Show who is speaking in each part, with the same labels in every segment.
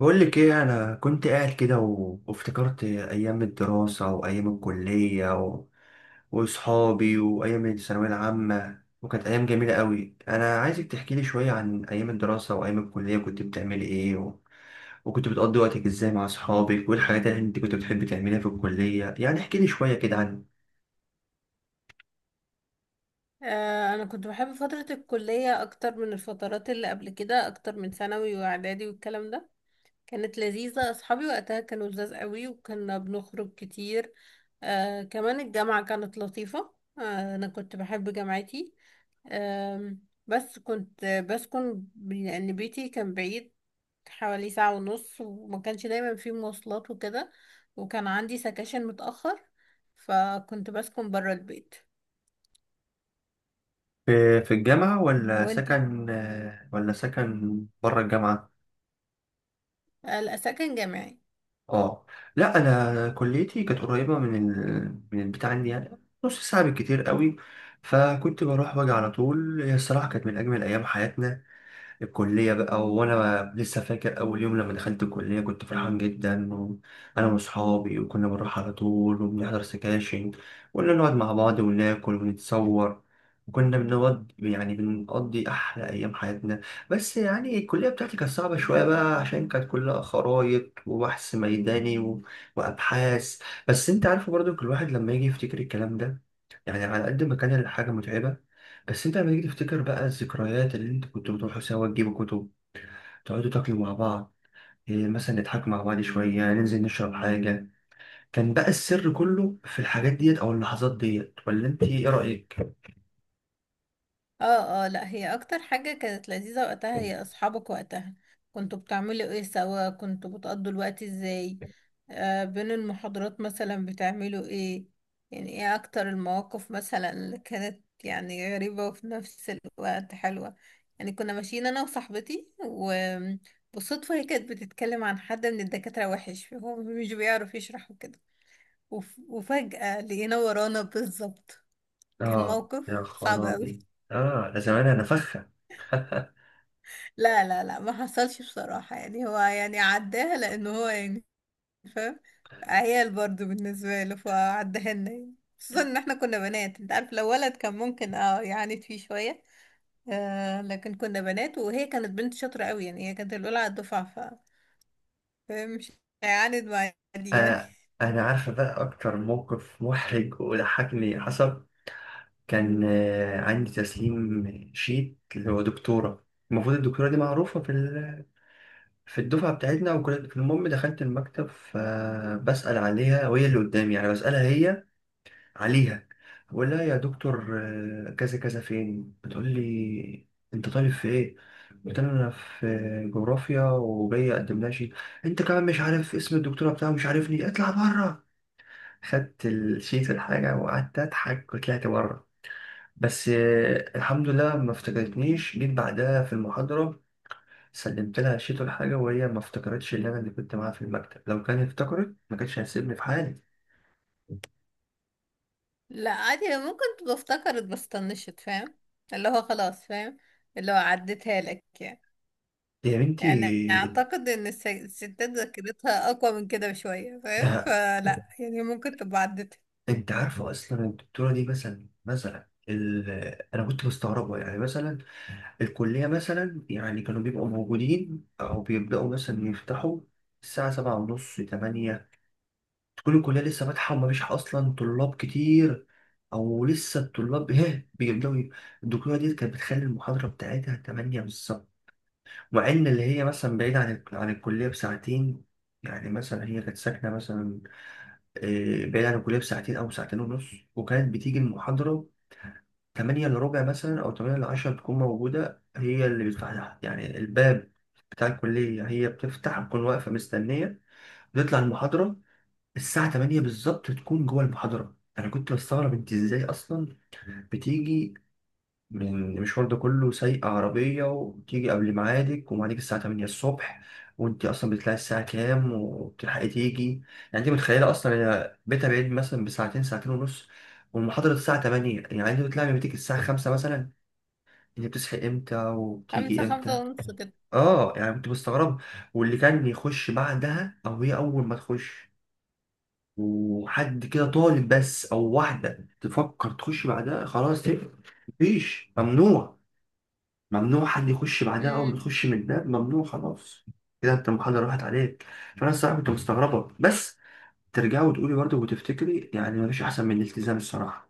Speaker 1: بقول لك ايه، انا كنت قاعد كده وافتكرت ايام الدراسه وايام الكليه واصحابي وايام الثانويه العامه، وكانت ايام جميله قوي. انا عايزك تحكي لي شويه عن ايام الدراسه وايام الكليه، كنت بتعملي ايه وكنت بتقضي وقتك ازاي مع اصحابك، والحاجات اللي انت كنت بتحبي تعمليها في الكليه. يعني احكي لي شويه كده عن
Speaker 2: انا كنت بحب فترة الكلية اكتر من الفترات اللي قبل كده، اكتر من ثانوي واعدادي والكلام ده. كانت لذيذة، اصحابي وقتها كانوا لذاذ قوي وكنا بنخرج كتير. كمان الجامعة كانت لطيفة. انا كنت بحب جامعتي. بس كنت بسكن لان بيتي كان بعيد، حوالي ساعة ونص، وما كانش دايما فيه مواصلات وكده، وكان عندي سكاشن متأخر، فكنت بسكن برا البيت.
Speaker 1: في الجامعه ولا
Speaker 2: وانت؟
Speaker 1: سكن ولا سكن بره الجامعه؟
Speaker 2: آه، لا، سكن جامعي.
Speaker 1: اه. لا، انا كليتي كانت قريبه من البتاع عندي يعني، نص ساعه بالكتير قوي، فكنت بروح واجي على طول. هي الصراحه كانت من اجمل ايام حياتنا. الكلية بقى، وأنا لسه فاكر أول يوم لما دخلت الكلية كنت فرحان جدا، وأنا وأصحابي وكنا بنروح على طول وبنحضر سكاشن، وكنا نقعد مع بعض وناكل ونتصور، وكنا بنقعد يعني بنقضي أحلى أيام حياتنا. بس يعني الكلية بتاعتي كانت صعبة شوية بقى، عشان كانت كلها خرايط وبحث ميداني وأبحاث. بس أنت عارف برضو، كل واحد لما يجي يفتكر الكلام ده، يعني على قد ما كان الحاجة متعبة، بس انت لما تيجي تفتكر بقى الذكريات، اللي انت كنتوا بتروحوا سوا تجيبوا كتب، تقعدوا تاكلوا مع بعض، إيه، مثلا نضحكوا مع بعض شوية، ننزل نشرب حاجة. كان بقى السر كله في الحاجات ديت أو اللحظات ديت، ولا انت ايه رأيك؟
Speaker 2: اه، اه، لا، هي اكتر حاجة كانت لذيذة وقتها هي اصحابك وقتها. كنتوا بتعملوا ايه سوا؟ كنتوا بتقضوا الوقت ازاي؟ بين المحاضرات مثلا بتعملوا ايه؟ يعني ايه اكتر المواقف مثلا اللي كانت يعني غريبة وفي نفس الوقت حلوة؟ يعني كنا ماشيين انا وصاحبتي وبالصدفة هي كانت بتتكلم عن حد من الدكاترة وحش، هو مش بيعرف يشرح وكده، وفجأة لقينا ورانا بالظبط. كان
Speaker 1: اه يا
Speaker 2: موقف صعب قوي.
Speaker 1: خرابي! اه، ده زمان انا فخة.
Speaker 2: لا لا لا، ما حصلش بصراحة، يعني هو يعني عداها لأنه هو يعني فاهم، عيال برضو بالنسبة له فعداها لنا يعني. خصوصا إن احنا كنا بنات، انت عارف لو ولد كان ممكن يعاند فيه شوية. لكن كنا بنات، وهي كانت بنت شاطرة قوي، يعني هي كانت الأولى على الدفعة، ف فاهم مش هيعاند معايا دي يعني.
Speaker 1: آه، انا عارفة بقى اكتر موقف محرج وضحكني حصل. كان عندي تسليم شيت اللي هو دكتورة، المفروض الدكتورة دي معروفة في الدفعة بتاعتنا. وكنت المهم دخلت المكتب فبسأل عليها وهي اللي قدامي، يعني بسألها هي عليها. بقول لها يا دكتور كذا كذا فين. بتقول لي انت طالب في ايه؟ قلت لها انا في جغرافيا، وجاي اقدم لها شيت. انت كمان مش عارف اسم الدكتوره بتاعه مش عارفني؟ اطلع بره. خدت الشيت الحاجه وقعدت اضحك وطلعت بره. بس الحمد لله ما افتكرتنيش. جيت بعدها في المحاضره، سلمت لها شيت ولا حاجة، وهي ما افتكرتش اللي أنا اللي كنت معاها في المكتب. لو كانت افتكرت، ما كانتش هتسيبني في حالي.
Speaker 2: لا، عادي، هي ممكن تبقى افتكرت بس طنشت فاهم، اللي هو خلاص فاهم، اللي هو عدتها لك يعني.
Speaker 1: يا
Speaker 2: يعني
Speaker 1: بنتي!
Speaker 2: اعتقد ان الستات ذاكرتها اقوى من كده بشوية فاهم،
Speaker 1: ده
Speaker 2: فلا يعني ممكن تبقى عدتها.
Speaker 1: انت عارفه اصلا الدكتوره دي، انا كنت مستغربه، يعني مثلا الكليه مثلا يعني كانوا بيبقوا موجودين او بيبداوا مثلا يفتحوا الساعه 7:30، 8، تكون الكليه لسه فاتحه ومفيش اصلا طلاب كتير، او لسه الطلاب بيبداوا الدكتوره دي كانت بتخلي المحاضره بتاعتها 8 بالظبط. مع ان اللي هي مثلا بعيدة عن الكلية بساعتين، يعني مثلا هي كانت ساكنة مثلا بعيدة عن الكلية بساعتين أو ساعتين ونص، وكانت بتيجي المحاضرة 7:45 مثلا أو 7:50 بتكون موجودة، هي اللي بتفتح لها يعني الباب بتاع الكلية. هي بتفتح، بتكون واقفة مستنية، بتطلع المحاضرة الساعة 8 بالظبط تكون جوه المحاضرة. أنا كنت بستغرب، أنت إزاي أصلا بتيجي من المشوار ده كله سايقة عربية، وتيجي قبل ميعادك وميعادك الساعة 8 الصبح؟ وانت اصلا بتطلعي الساعة كام وبتلحقي تيجي؟ يعني انت متخيلة اصلا، هي بيتها بعيد مثلا بساعتين، ساعتين ونص، والمحاضرة الساعة 8. يعني انت بتطلعي من بيتك الساعة 5 مثلا؟ انت بتصحي امتى وبتيجي
Speaker 2: خمسة
Speaker 1: امتى؟
Speaker 2: خمسة ونص كده.
Speaker 1: اه، يعني كنت مستغرب. واللي كان يخش بعدها، او هي اول ما تخش وحد كده طالب بس، او واحدة تفكر تخش بعدها، خلاص تقفل. مفيش، ممنوع، ممنوع حد يخش بعدها. أول ما
Speaker 2: امم.
Speaker 1: تخش من الباب، ممنوع خلاص كده، أنت المحاضرة راحت عليك. فأنا الصراحة كنت مستغربة. بس ترجعي وتقولي برضه وتفتكري، يعني مفيش أحسن من الالتزام الصراحة.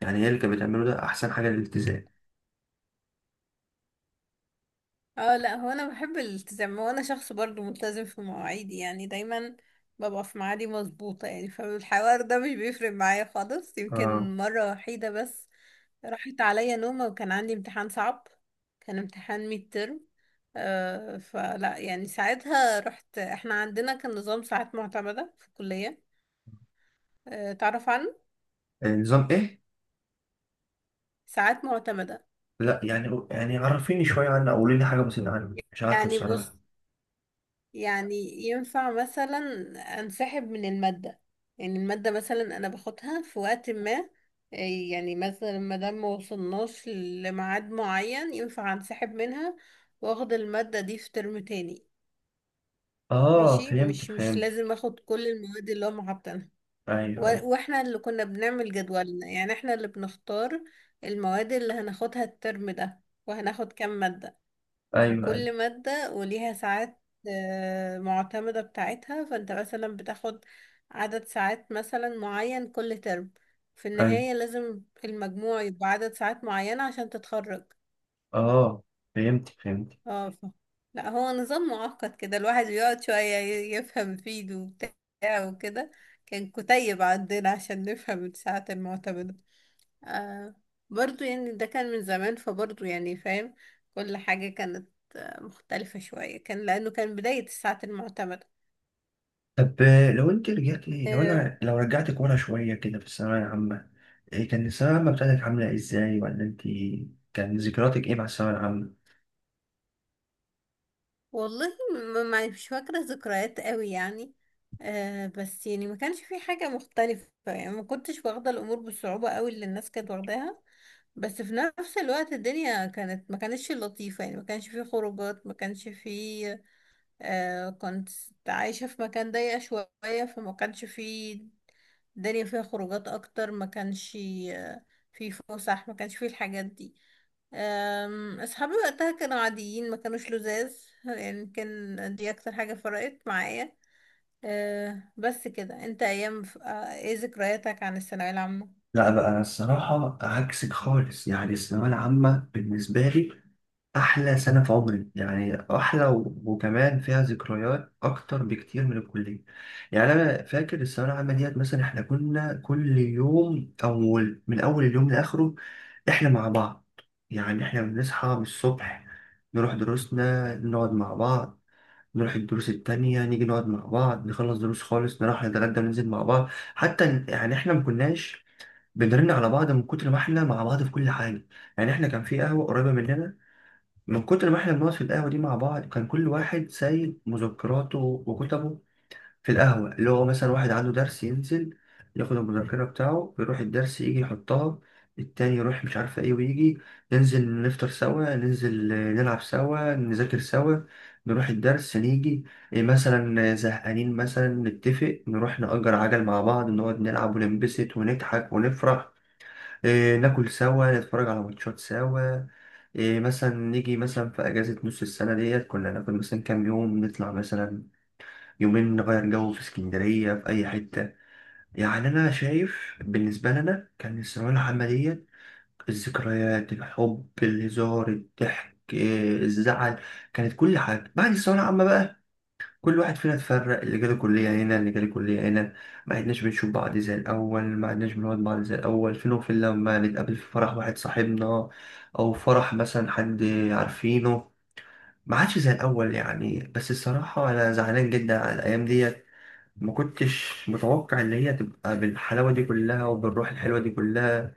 Speaker 1: يعني هي اللي كانت بتعمله ده أحسن حاجة، الالتزام.
Speaker 2: اه، لا، هو انا بحب الالتزام، وانا شخص برضو ملتزم في مواعيدي يعني دايما ببقى في ميعادي مظبوطة، يعني فالحوار ده مش بيفرق معايا خالص.
Speaker 1: آه.
Speaker 2: يمكن مرة وحيدة بس راحت عليا نومة وكان عندي امتحان صعب، كان امتحان ميد ترم. فلا يعني ساعتها رحت. احنا عندنا كان نظام ساعات معتمدة في الكلية، تعرف عنه؟
Speaker 1: النظام إيه؟
Speaker 2: ساعات معتمدة.
Speaker 1: لا يعني، يعني عرفيني شوية عنه، أو قولي لي حاجة مثلا عنه، مش عارفه
Speaker 2: يعني
Speaker 1: الصراحة.
Speaker 2: بص، يعني ينفع مثلا انسحب من المادة، يعني المادة مثلا أنا باخدها في وقت ما، آه، يعني مثلا ما دام ما وصلناش لميعاد معين ينفع انسحب منها، واخد المادة دي في ترم تاني.
Speaker 1: آه،
Speaker 2: ماشي،
Speaker 1: فهمتك
Speaker 2: مش
Speaker 1: فهمتك.
Speaker 2: لازم اخد كل المواد اللي هم حاطينها.
Speaker 1: أيوه أيوه.
Speaker 2: واحنا اللي كنا بنعمل جدولنا، يعني احنا اللي بنختار المواد اللي هناخدها الترم ده وهناخد كام مادة،
Speaker 1: أيوه أيوه.
Speaker 2: وكل مادة وليها ساعات معتمدة بتاعتها. فانت مثلا بتاخد عدد ساعات مثلا معين كل ترم، في
Speaker 1: أيوه.
Speaker 2: النهاية لازم المجموع يبقى عدد ساعات معينة عشان تتخرج.
Speaker 1: آه، فهمتك فهمتك.
Speaker 2: اه ف... لا هو نظام معقد كده، الواحد بيقعد شوية يفهم فيه ده وبتاع وكده. كان كتيب عندنا عشان نفهم الساعات المعتمدة. آه برضو يعني ده كان من زمان، فبرضو يعني فاهم كل حاجة كان مختلفة شوية، كان لأنه كان بداية الساعات المعتمدة.
Speaker 1: طب لو أنت رجعتي، لو
Speaker 2: أه
Speaker 1: أنا لو رجعتك ورا شوية كده في الثانوية العامة، إيه كان الثانوية العامة بتاعتك عاملة ازاي، ولا انت كان ذكرياتك ايه مع الثانوية العامة؟
Speaker 2: والله مش فاكرة ذكريات قوي يعني. بس يعني ما كانش في حاجة مختلفة، يعني ما كنتش واخدة الأمور بالصعوبة قوي اللي الناس كانت واخداها. بس في نفس الوقت الدنيا كانت ما كانتش لطيفة، يعني ما كانش في خروجات، ما كانش في كنت عايشة في مكان ضيق شوية، فما كانش في الدنيا فيها خروجات أكتر، ما كانش آه، في فسح، ما كانش في الحاجات دي. أصحابي وقتها كانوا عاديين، ما كانوش لزاز، يعني كان دي أكتر حاجة فرقت معايا. بس كده. أنت أيام ف- أه، إيه ذكرياتك عن الثانوية العامة؟
Speaker 1: لا بقى، أنا الصراحة عكسك خالص. يعني الثانوية العامة بالنسبة لي أحلى سنة في عمري، يعني أحلى وكمان فيها ذكريات أكتر بكتير من الكلية. يعني أنا فاكر الثانوية العامة ديت، مثلا إحنا كنا كل يوم، أو من أول اليوم لآخره إحنا مع بعض. يعني إحنا بنصحى من الصبح، نروح دروسنا، نقعد مع بعض، نروح الدروس التانية، نيجي نقعد مع بعض، نخلص دروس خالص، نروح نتغدى وننزل مع بعض. حتى يعني احنا ما كناش بنرن على بعض من كتر ما احنا مع بعض في كل حاجة. يعني احنا كان في قهوة قريبة مننا، من كتر ما احنا بنقعد في القهوة دي مع بعض، كان كل واحد سايب مذكراته وكتبه في القهوة. اللي هو مثلا واحد عنده درس، ينزل ياخد المذكرة بتاعه يروح الدرس يجي يحطها، التاني يروح مش عارفة ايه ويجي. ننزل نفطر سوا، ننزل نلعب سوا، نذاكر سوا، نروح الدرس نيجي، إيه مثلا، زهقانين مثلا، نتفق نروح نأجر عجل مع بعض، نقعد نلعب وننبسط ونضحك ونفرح، إيه، ناكل سوا، نتفرج على ماتشات سوا، إيه مثلا نيجي مثلا في أجازة نص السنة ديت، كنا ناخد مثلا كام يوم نطلع مثلا يومين، نغير جو في اسكندرية في أي حتة. يعني أنا شايف بالنسبة لنا كان الثانوية العامة ديت الذكريات، الحب، الهزار، الضحك، إيه، الزعل، كانت كل حاجة. بعد الثانوية العامة بقى، كل واحد فينا اتفرق، اللي جاله كلية هنا اللي جاله كلية هنا، ما عدناش بنشوف بعض زي الأول، ما عدناش بنقعد بعض زي الأول. فين وفين لما نتقابل في فرح واحد صاحبنا، أو فرح مثلا حد عارفينه. ما عادش زي الأول يعني. بس الصراحة أنا زعلان جدا على الأيام ديت، ما كنتش متوقع ان هي تبقى بالحلاوه دي كلها وبالروح الحلوه دي كلها.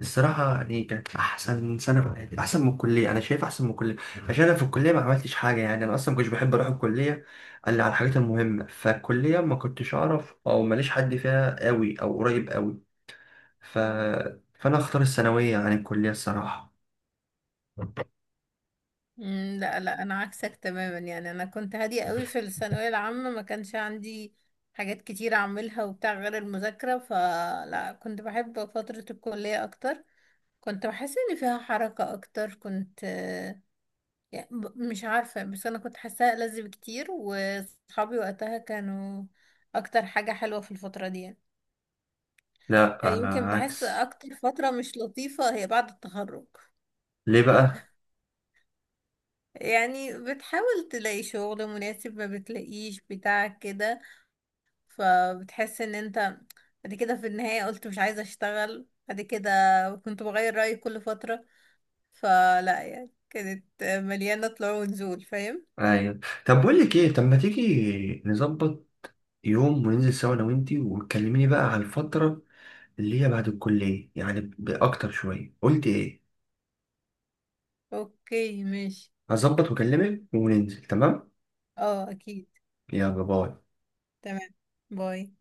Speaker 1: الصراحه يعني كانت احسن سنه في حياتي، احسن من الكليه، انا شايف احسن من الكليه. عشان انا في الكليه ما عملتش حاجه، يعني انا اصلا ما كنتش بحب اروح الكليه الا على الحاجات المهمه، فالكليه ما كنتش اعرف او ماليش حد فيها قوي او قريب قوي، ف... فانا اختار الثانويه عن الكليه الصراحه.
Speaker 2: لا لا، أنا عكسك تماما، يعني أنا كنت هادية قوي في الثانوية العامة، ما كانش عندي حاجات كتير أعملها وبتاع غير المذاكرة. فلا كنت بحب فترة الكلية أكتر، كنت بحس إن فيها حركة أكتر. كنت يعني مش عارفة، بس أنا كنت حاساها ألذ بكتير، وصحابي وقتها كانوا أكتر حاجة حلوة في الفترة دي يعني.
Speaker 1: لا
Speaker 2: يعني يمكن
Speaker 1: انا
Speaker 2: بحس
Speaker 1: عكس.
Speaker 2: أكتر فترة مش لطيفة هي بعد التخرج.
Speaker 1: ليه بقى؟
Speaker 2: يعني بتحاول تلاقي شغل مناسب ما بتلاقيش بتاع كده، فبتحس إن أنت بعد كده في النهاية قلت مش عايزة أشتغل بعد كده، كنت بغير رأيي كل فترة، فلا يعني كانت مليانة طلوع ونزول فاهم؟
Speaker 1: ايوه. طب بقول لك ايه، طب ما تيجي نظبط يوم وننزل سوا انا وانتي، وتكلميني بقى على الفتره اللي هي بعد الكلية، يعني بأكتر شوية. قلت إيه؟
Speaker 2: أوكي ماشي.
Speaker 1: هظبط وأكلمك وننزل، تمام.
Speaker 2: اه، أكيد.
Speaker 1: يلا باي.
Speaker 2: تمام. باي.